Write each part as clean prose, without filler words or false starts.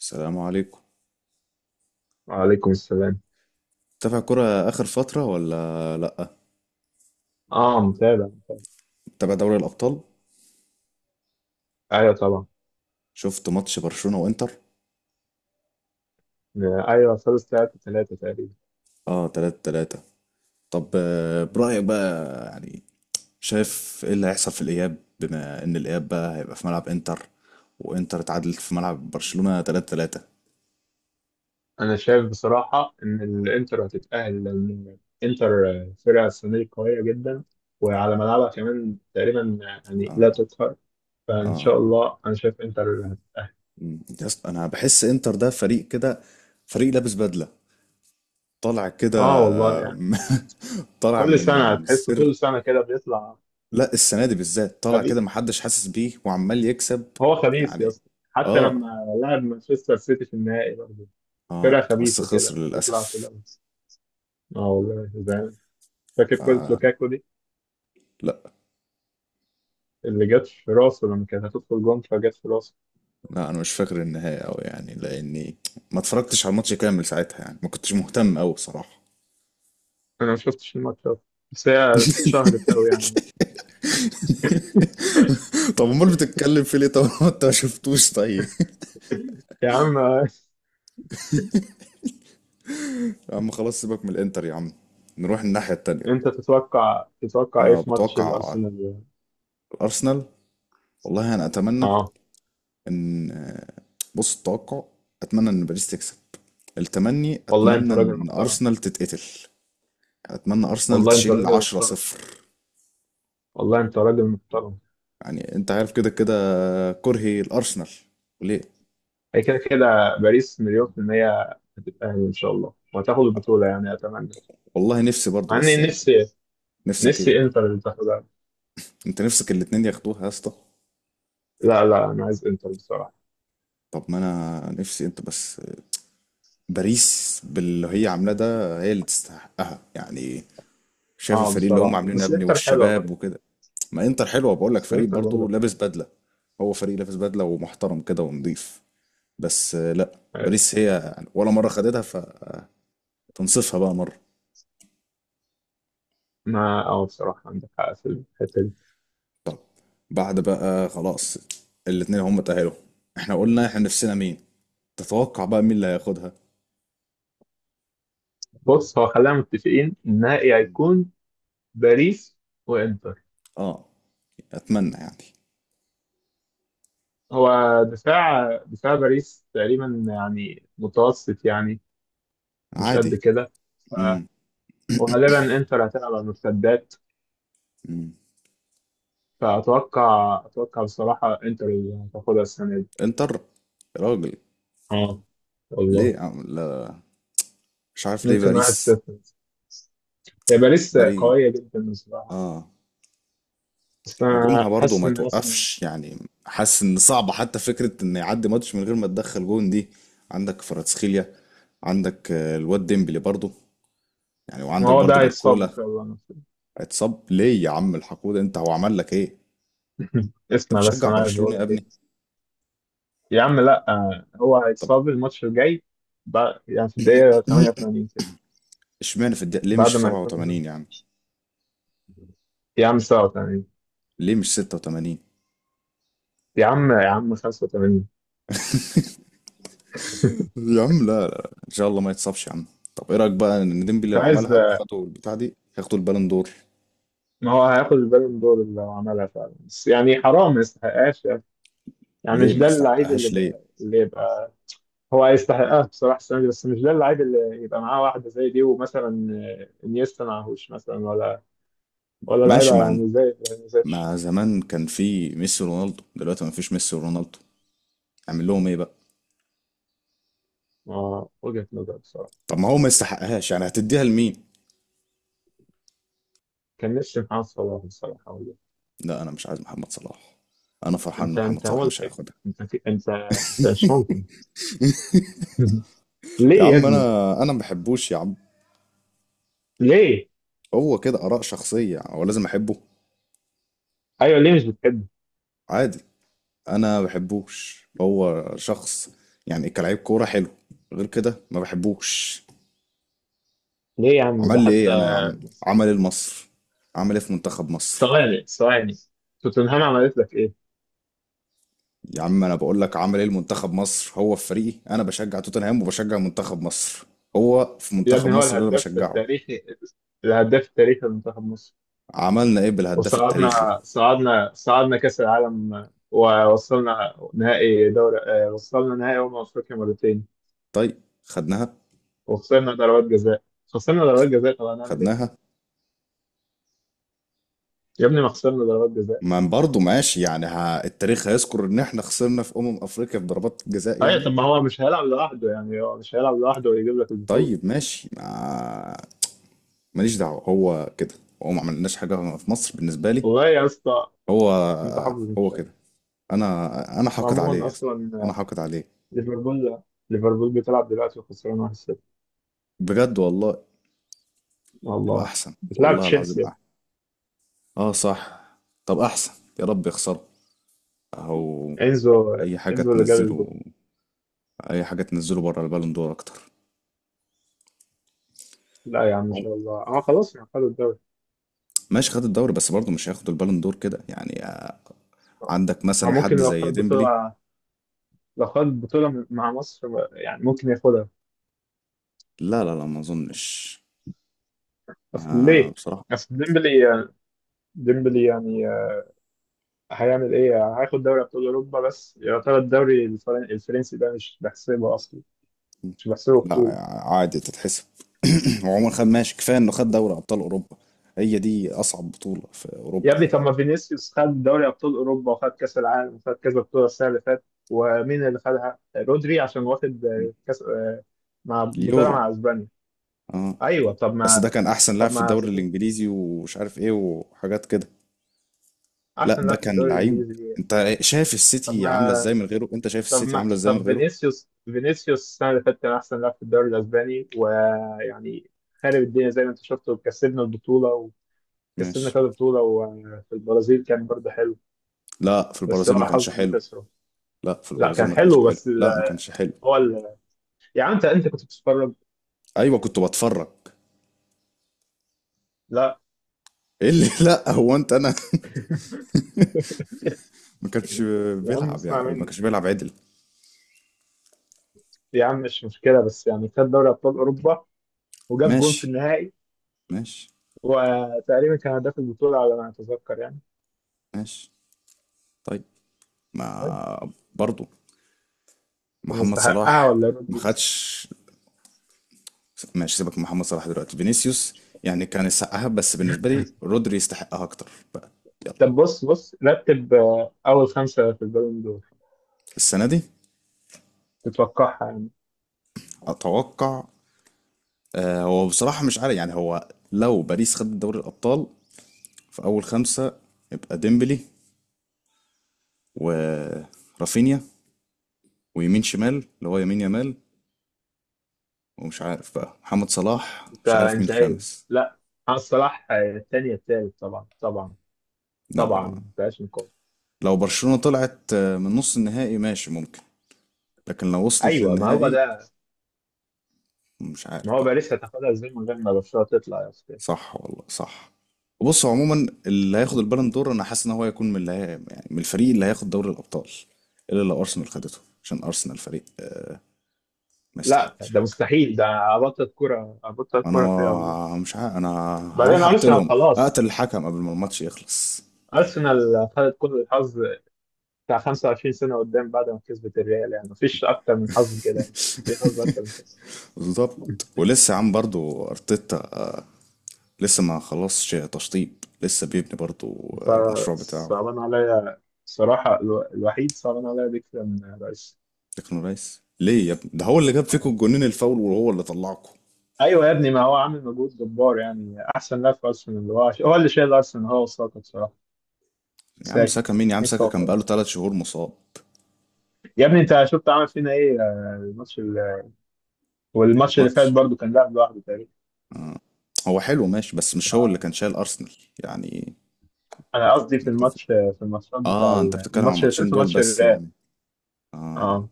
السلام عليكم. وعليكم السلام. تابع كرة آخر فترة ولا لأ؟ اه، متابع متابع. تابع دوري الأبطال؟ ايوه، طبعا. شفت ماتش برشلونة وإنتر؟ ايوه، خلص 3-3 تقريبا. آه، تلاتة تلاتة. طب برأيك بقى يعني شايف إيه اللي هيحصل في الإياب، بما إن الإياب بقى هيبقى في ملعب إنتر وإنتر اتعادلت في ملعب برشلونة تلاتة تلاتة. انا شايف بصراحة ان الانتر هتتأهل، لان الانتر فرقة السنة دي قوية جدا، وعلى ملعبها كمان تقريبا يعني آه. لا تقهر. فان آه. شاء الله انا شايف انتر هتتأهل. مم. يا اسطى أنا بحس إنتر ده فريق كده، فريق لابس بدلة، طالع كده. اه والله آه، يعني، طالع كل سنة من هتحس، سر. كل سنة كده بيطلع لا، السنة دي بالذات طالع كده خبيث. محدش حاسس بيه وعمال يكسب، هو خبيث يا يعني. اسطى. حتى لما اه. لعب مانشستر سيتي في النهائي برضه، فرقة اه بس خبيثة خسر كده بتطلع للأسف. كده. اه والله، زعلان. فاكر كرة لوكاكو دي، لا اللي جت في راسه لما كانت هتدخل جون فجت في راسه. لا، انا مش فاكر النهاية اوي يعني، لاني ما اتفرجتش على الماتش كامل ساعتها، يعني ما كنتش مهتم اوي بصراحة. انا ما شفتش الماتش ده، بس هي اتشهرت قوي يعني. طب امال بتتكلم في ليه طب؟ ما انت ما شفتوش طيب. يا عم، يا عم خلاص، سيبك من الانتر يا عم، نروح الناحية التانية. انت تتوقع ايه انا في ماتش بتوقع الارسنال؟ الارسنال. والله انا اتمنى اه، ان بص، التوقع اتمنى ان باريس تكسب. التمني والله انت اتمنى راجل ان محترم. ارسنال تتقتل. اتمنى ارسنال والله انت تشيل راجل 10 محترم. صفر والله انت راجل محترم. يعني انت عارف كده كده كرهي الارسنال وليه. هي كده كده. باريس مليون في المية هتتأهل ان شاء الله، وهتاخد البطولة يعني، اتمنى. والله نفسي برضو، مع اني بس يعني. نفسي نفسك ايه؟ نفسي انتر اللي تاخدها. انت نفسك الاتنين ياخدوها يا اسطى؟ لا، لا، انا عايز انتر بصراحة. طب ما انا نفسي انت بس. باريس باللي هي عاملاه ده هي اللي تستحقها يعني. شايف اه، الفريق اللي هم بصراحة عاملينه يا بس ابني، انتر حلوة والشباب برضه. وكده. ما انتر حلوه، بقول لك بس فريق انتر برضو برضه. لابس بدله. هو فريق لابس بدله ومحترم كده ونضيف. بس لا، باريس بس هي ولا مره خدتها، فتنصفها بقى مره. ما بصراحة عندك حق في الحتة دي. طب بعد بقى خلاص، الاتنين هم تأهلوا. احنا قلنا احنا نفسنا مين. تتوقع بقى مين اللي هياخدها؟ بص، هو خلينا متفقين النهائي هيكون باريس وانتر. اه، اتمنى يعني. هو دفاع باريس تقريبا يعني متوسط يعني، مش قد عادي. كده. ف- امم وغالبا انتر هتلعب على المرتدات. امم فأتوقع بصراحة انتر اللي هتاخدها السنة دي. انتر؟ يا راجل، اه والله، ليه يا عم؟ لا، مش عارف ليه. ممكن باريس. 1-0. هي باريس باريس. قوية جدا بصراحة، اه، بس هجومها أنا برضو حاسس ما إن مثلا، توقفش يعني. حاسس ان صعب حتى فكرة ان يعدي ماتش من غير ما تدخل جون دي. عندك فراتسخيليا، عندك الواد ديمبلي برضو، يعني ما وعندك هو برضو ده هيتصاب إن باركولا. شاء الله. اتصاب ليه يا عم الحقود؟ انت هو عمل لك ايه؟ انت اسمع، بس بتشجع انا عايز برشلونة اقول يا لك ايه. ابني؟ يا عم لا، هو طب هيتصاب الماتش الجاي. يعني في الدقيقة 88 كده، اشمعنى في الدقيقة؟ ليه مش بعد في ما يكون. 87 يا عم؟ يا عم 87. ليه مش 86 يا عم يا عم، 85. يا عم؟ لا لا، ان شاء الله ما يتصابش يا عم. طب ايه رايك بقى ان ديمبلي انت لو عايز، عملها وخدوا البتاع دي هياخدوا البالون دور؟ ما هو هياخد البالون دور اللي هو عملها فعلا، بس يعني حرام ما يستحقهاش يعني. يعني ليه مش ما ده اللعيب يستحقهاش ليه؟ اللي يبقى. هو هيستحقها بصراحة السنة دي، بس مش ده اللعيب اللي يبقى معاه واحدة زي دي ومثلا انيستا معهوش مثلا، ولا ماشي. لعيبة ما يعني زي ماتش. ما زمان كان في ميسي ورونالدو، دلوقتي ما فيش ميسي ورونالدو، اعمل لهم ايه بقى؟ وجهة نظر بصراحة. طب ما هو ما يستحقهاش يعني هتديها لمين؟ كان نفسي محمد صلاح الصراحة والله. لا انا مش عايز محمد صلاح. انا فرحان ان أنت محمد أنت صلاح هو مش الحب. هياخدها. أنت مش ممكن. يا ليه يا عم ابني؟ انا ما بحبوش يا عم. ليه؟ هو كده اراء شخصيه، هو لازم احبه؟ أيوه، ليه مش بتحبه؟ عادي. انا ما بحبوش هو شخص، يعني كلاعب كوره حلو، غير كده ما بحبوش. ليه يا عم عمل ده لي حتى، ايه انا يا عم؟ بس- عمل ايه لمصر؟ عمل ايه في منتخب مصر؟ ثواني، ثواني. توتنهام عملت لك إيه؟ يا عم انا بقول لك عمل ايه المنتخب مصر. هو في فريقي انا بشجع توتنهام، وبشجع منتخب مصر. هو في يا منتخب ابني، هو مصر اللي انا الهداف بشجعه. التاريخي. الهداف التاريخي لمنتخب مصر. عملنا ايه بالهداف التاريخي؟ وصعدنا صعدنا صعدنا كأس العالم، ووصلنا نهائي دوري، وصلنا نهائي أمم أفريقيا مرتين. طيب خدناها؟ وخسرنا ضربات جزاء، خسرنا ضربات جزاء. طب هنعمل إيه؟ خدناها؟ يا ابني، ما خسرنا ضربات جزاء. ما برضه ماشي يعني. ها، التاريخ هيذكر ان احنا خسرنا في افريقيا في ضربات جزاء ايوه، يعني. طب ما هو مش هيلعب لوحده يعني، هو مش هيلعب لوحده ويجيب لك البطوله. طيب ماشي. ما ماليش دعوة، هو كده. هو ما عملناش حاجة في مصر بالنسبة لي. والله يا اسطى، هو. انت حافظ هو مش عارف. كده انا حاقد عليه وعموما يا اسطى. انا اصلا، حاقد عليه. ليفربول ليفربول بتلعب دلوقتي وخسران 1-0. بجد والله؟ ابقى والله، احسن بتلعب والله العظيم. تشيلسي. اه صح، طب احسن، يا رب يخسروا. اهو. انزو اي حاجه انزو اللي جاب تنزله. الجول. اي حاجه تنزله بره البالون دور اكتر. لا يا عم، ان شاء الله خلاص ما خدوا الدوري. ماشي، خد الدوري، بس برضه مش هياخد البالون دور كده يعني. عندك هو مثلا ممكن، حد زي ديمبلي. لو خد بطوله مع مصر، يعني ممكن ياخدها. لا لا لا، ما اظنش. اصل آه ليه؟ بصراحه. اصل ديمبلي يعني، هيعمل ايه؟ هياخد دوري ابطال اوروبا، بس يعتبر الدوري الفرنسي ده مش بحسبه اصلا، مش بحسبه لا بطولة. عادي تتحسب. وعمر خد ماشي، كفايه انه خد دوري ابطال اوروبا. هي دي اصعب بطوله في يا اوروبا. ابني، طب ما فينيسيوس خد دوري ابطال اوروبا، وخد كاس العالم، وخد كذا بطولة السنة اللي فاتت. ومين اللي خدها؟ رودري، عشان واخد م. كاس، مع بطولة اليورو. مع اسبانيا. اه، ايوه، طب بس ده ما. كان احسن لاعب طب في ما، الدوري الانجليزي ومش عارف ايه وحاجات كده. لا احسن ده لاعب في كان الدوري لعيب. الانجليزي ليه؟ انت شايف طب السيتي عامله ما ازاي من غيره؟ انت شايف طب السيتي ما عامله ازاي من طب غيره؟ فينيسيوس السنة اللي فاتت كان احسن لاعب في الدوري الاسباني ويعني، خارب الدنيا زي ما انت شفت وكسبنا البطولة، وكسبنا ماشي. كذا بطولة، وفي البرازيل كان برضه حلو. لا في بس البرازيل ما هو كانش حظه انه حلو. خسره. لا في لا، البرازيل كان ما كانش حلو، حلو. بس لا ما كانش حلو. هو يا عم، انت كنت بتتفرج. ايوه كنت بتفرج. لا. ايه اللي لا هو انت انا ما كانش يا عم، بيلعب يعني، اسمع ما مني. كانش بيلعب عدل. يا عم، مش مشكله، بس يعني خد دوري ابطال اوروبا، وجاب جون في ماشي النهائي، ماشي وتقريبا كان هداف البطوله على ما اتذكر يعني. ماشي. طيب. طيب، ما برضو كان محمد يستحقها صلاح ولا ما رودريجز؟ خدش. ماشي، سيبك من محمد صلاح دلوقتي. فينيسيوس يعني كان يستحقها، بس بالنسبه لي رودري يستحقها اكتر بقى. يلا. طب بص رتب، اول خمسه في البالون دور، السنه دي تتوقعها يعني. اتوقع هو بصراحة مش عارف يعني. هو لو باريس خد دوري الابطال، في اول خمسة يبقى ديمبلي ورافينيا ويمين شمال اللي هو يمين يمال، ومش عارف بقى محمد صلاح، انت مش عارف مين انتهائي. الخامس. لا. محمد صلاح، الثاني، الثالث، طبعا طبعا. طبعا، لا ما فيهاش نقاش. لو برشلونة طلعت من نص النهائي ماشي ممكن، لكن لو وصلت ايوه، ما هو للنهائي ده. مش عارف ما هو بقى. باريس هتاخدها ازاي من غير ما برشلونه تطلع يا استاذ؟ صح والله صح. بص هو عموما اللي هياخد البالون دور انا حاسس ان هو هيكون من اللي هي... يعني من الفريق اللي هياخد دوري الابطال، الا لو ارسنال خدته. عشان ارسنال فريق ما لا، يستحقش ده حاجه. مستحيل، ده ابطل كرة، ابطل انا كرة فيها والله. مش عارف انا بعدين هروح ارسنال اقتلهم، خلاص. اقتل الحكم قبل ما الماتش يخلص. ارسنال خدت كل الحظ بتاع 25 سنة قدام، بعد ما كسبت الريال، يعني مفيش اكتر من حظ كده يعني. في حظ اكتر من كده؟ بالظبط. ولسه يا عم برضو ارتيتا لسه ما خلصش تشطيب، لسه بيبني برضو ف- المشروع بتاعه. صعبان عليا الصراحة، الوحيد صعبان عليا بكتير من رئيس. تكنو ريس ليه يا ابني؟ ده هو اللي جاب فيكم الجونين الفاول وهو اللي طلعكم. ايوه يا ابني، ما هو عامل مجهود جبار يعني، احسن لاعب في ارسنال اللي هو اللي شايل ارسنال، هو وساكا بصراحة. يا عم ساكا. ساكا مين يا عم؟ ايه ساكا كان ساكا؟ بقاله 3 شهور مصاب. يا ابني، انت شفت عمل فينا ايه الماتش. والماتش اللي فات ماتش. برضو، كان لاعب لوحده تقريبا. هو حلو ماشي بس مش هو اللي آه، كان شايل أرسنال يعني. انا قصدي كان متفق. في الماتشات بتاع اه انت بتتكلم عن الماتش اللي الماتشين فات دول وماتش بس الريال. يعني. اه. اه،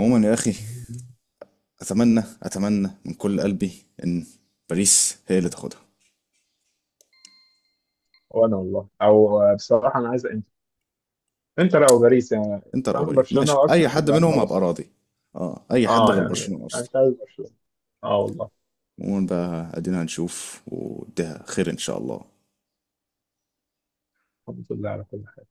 عموما يا اخي، اتمنى اتمنى من كل قلبي ان باريس هي اللي تاخدها. وانا والله، او بصراحه، انا عايز انتر. انتر او باريس يعني. انتر او طالما باريس برشلونه ماشي، اي وارسنال، حد يبقى منهم هبقى خلاص. راضي. اه اي حد اه، غير يعني برشلونة انا مش اصلا. عايز برشلونه. اه والله. عموما بقى ادينا هنشوف، وده خير ان شاء الله. الحمد لله على كل.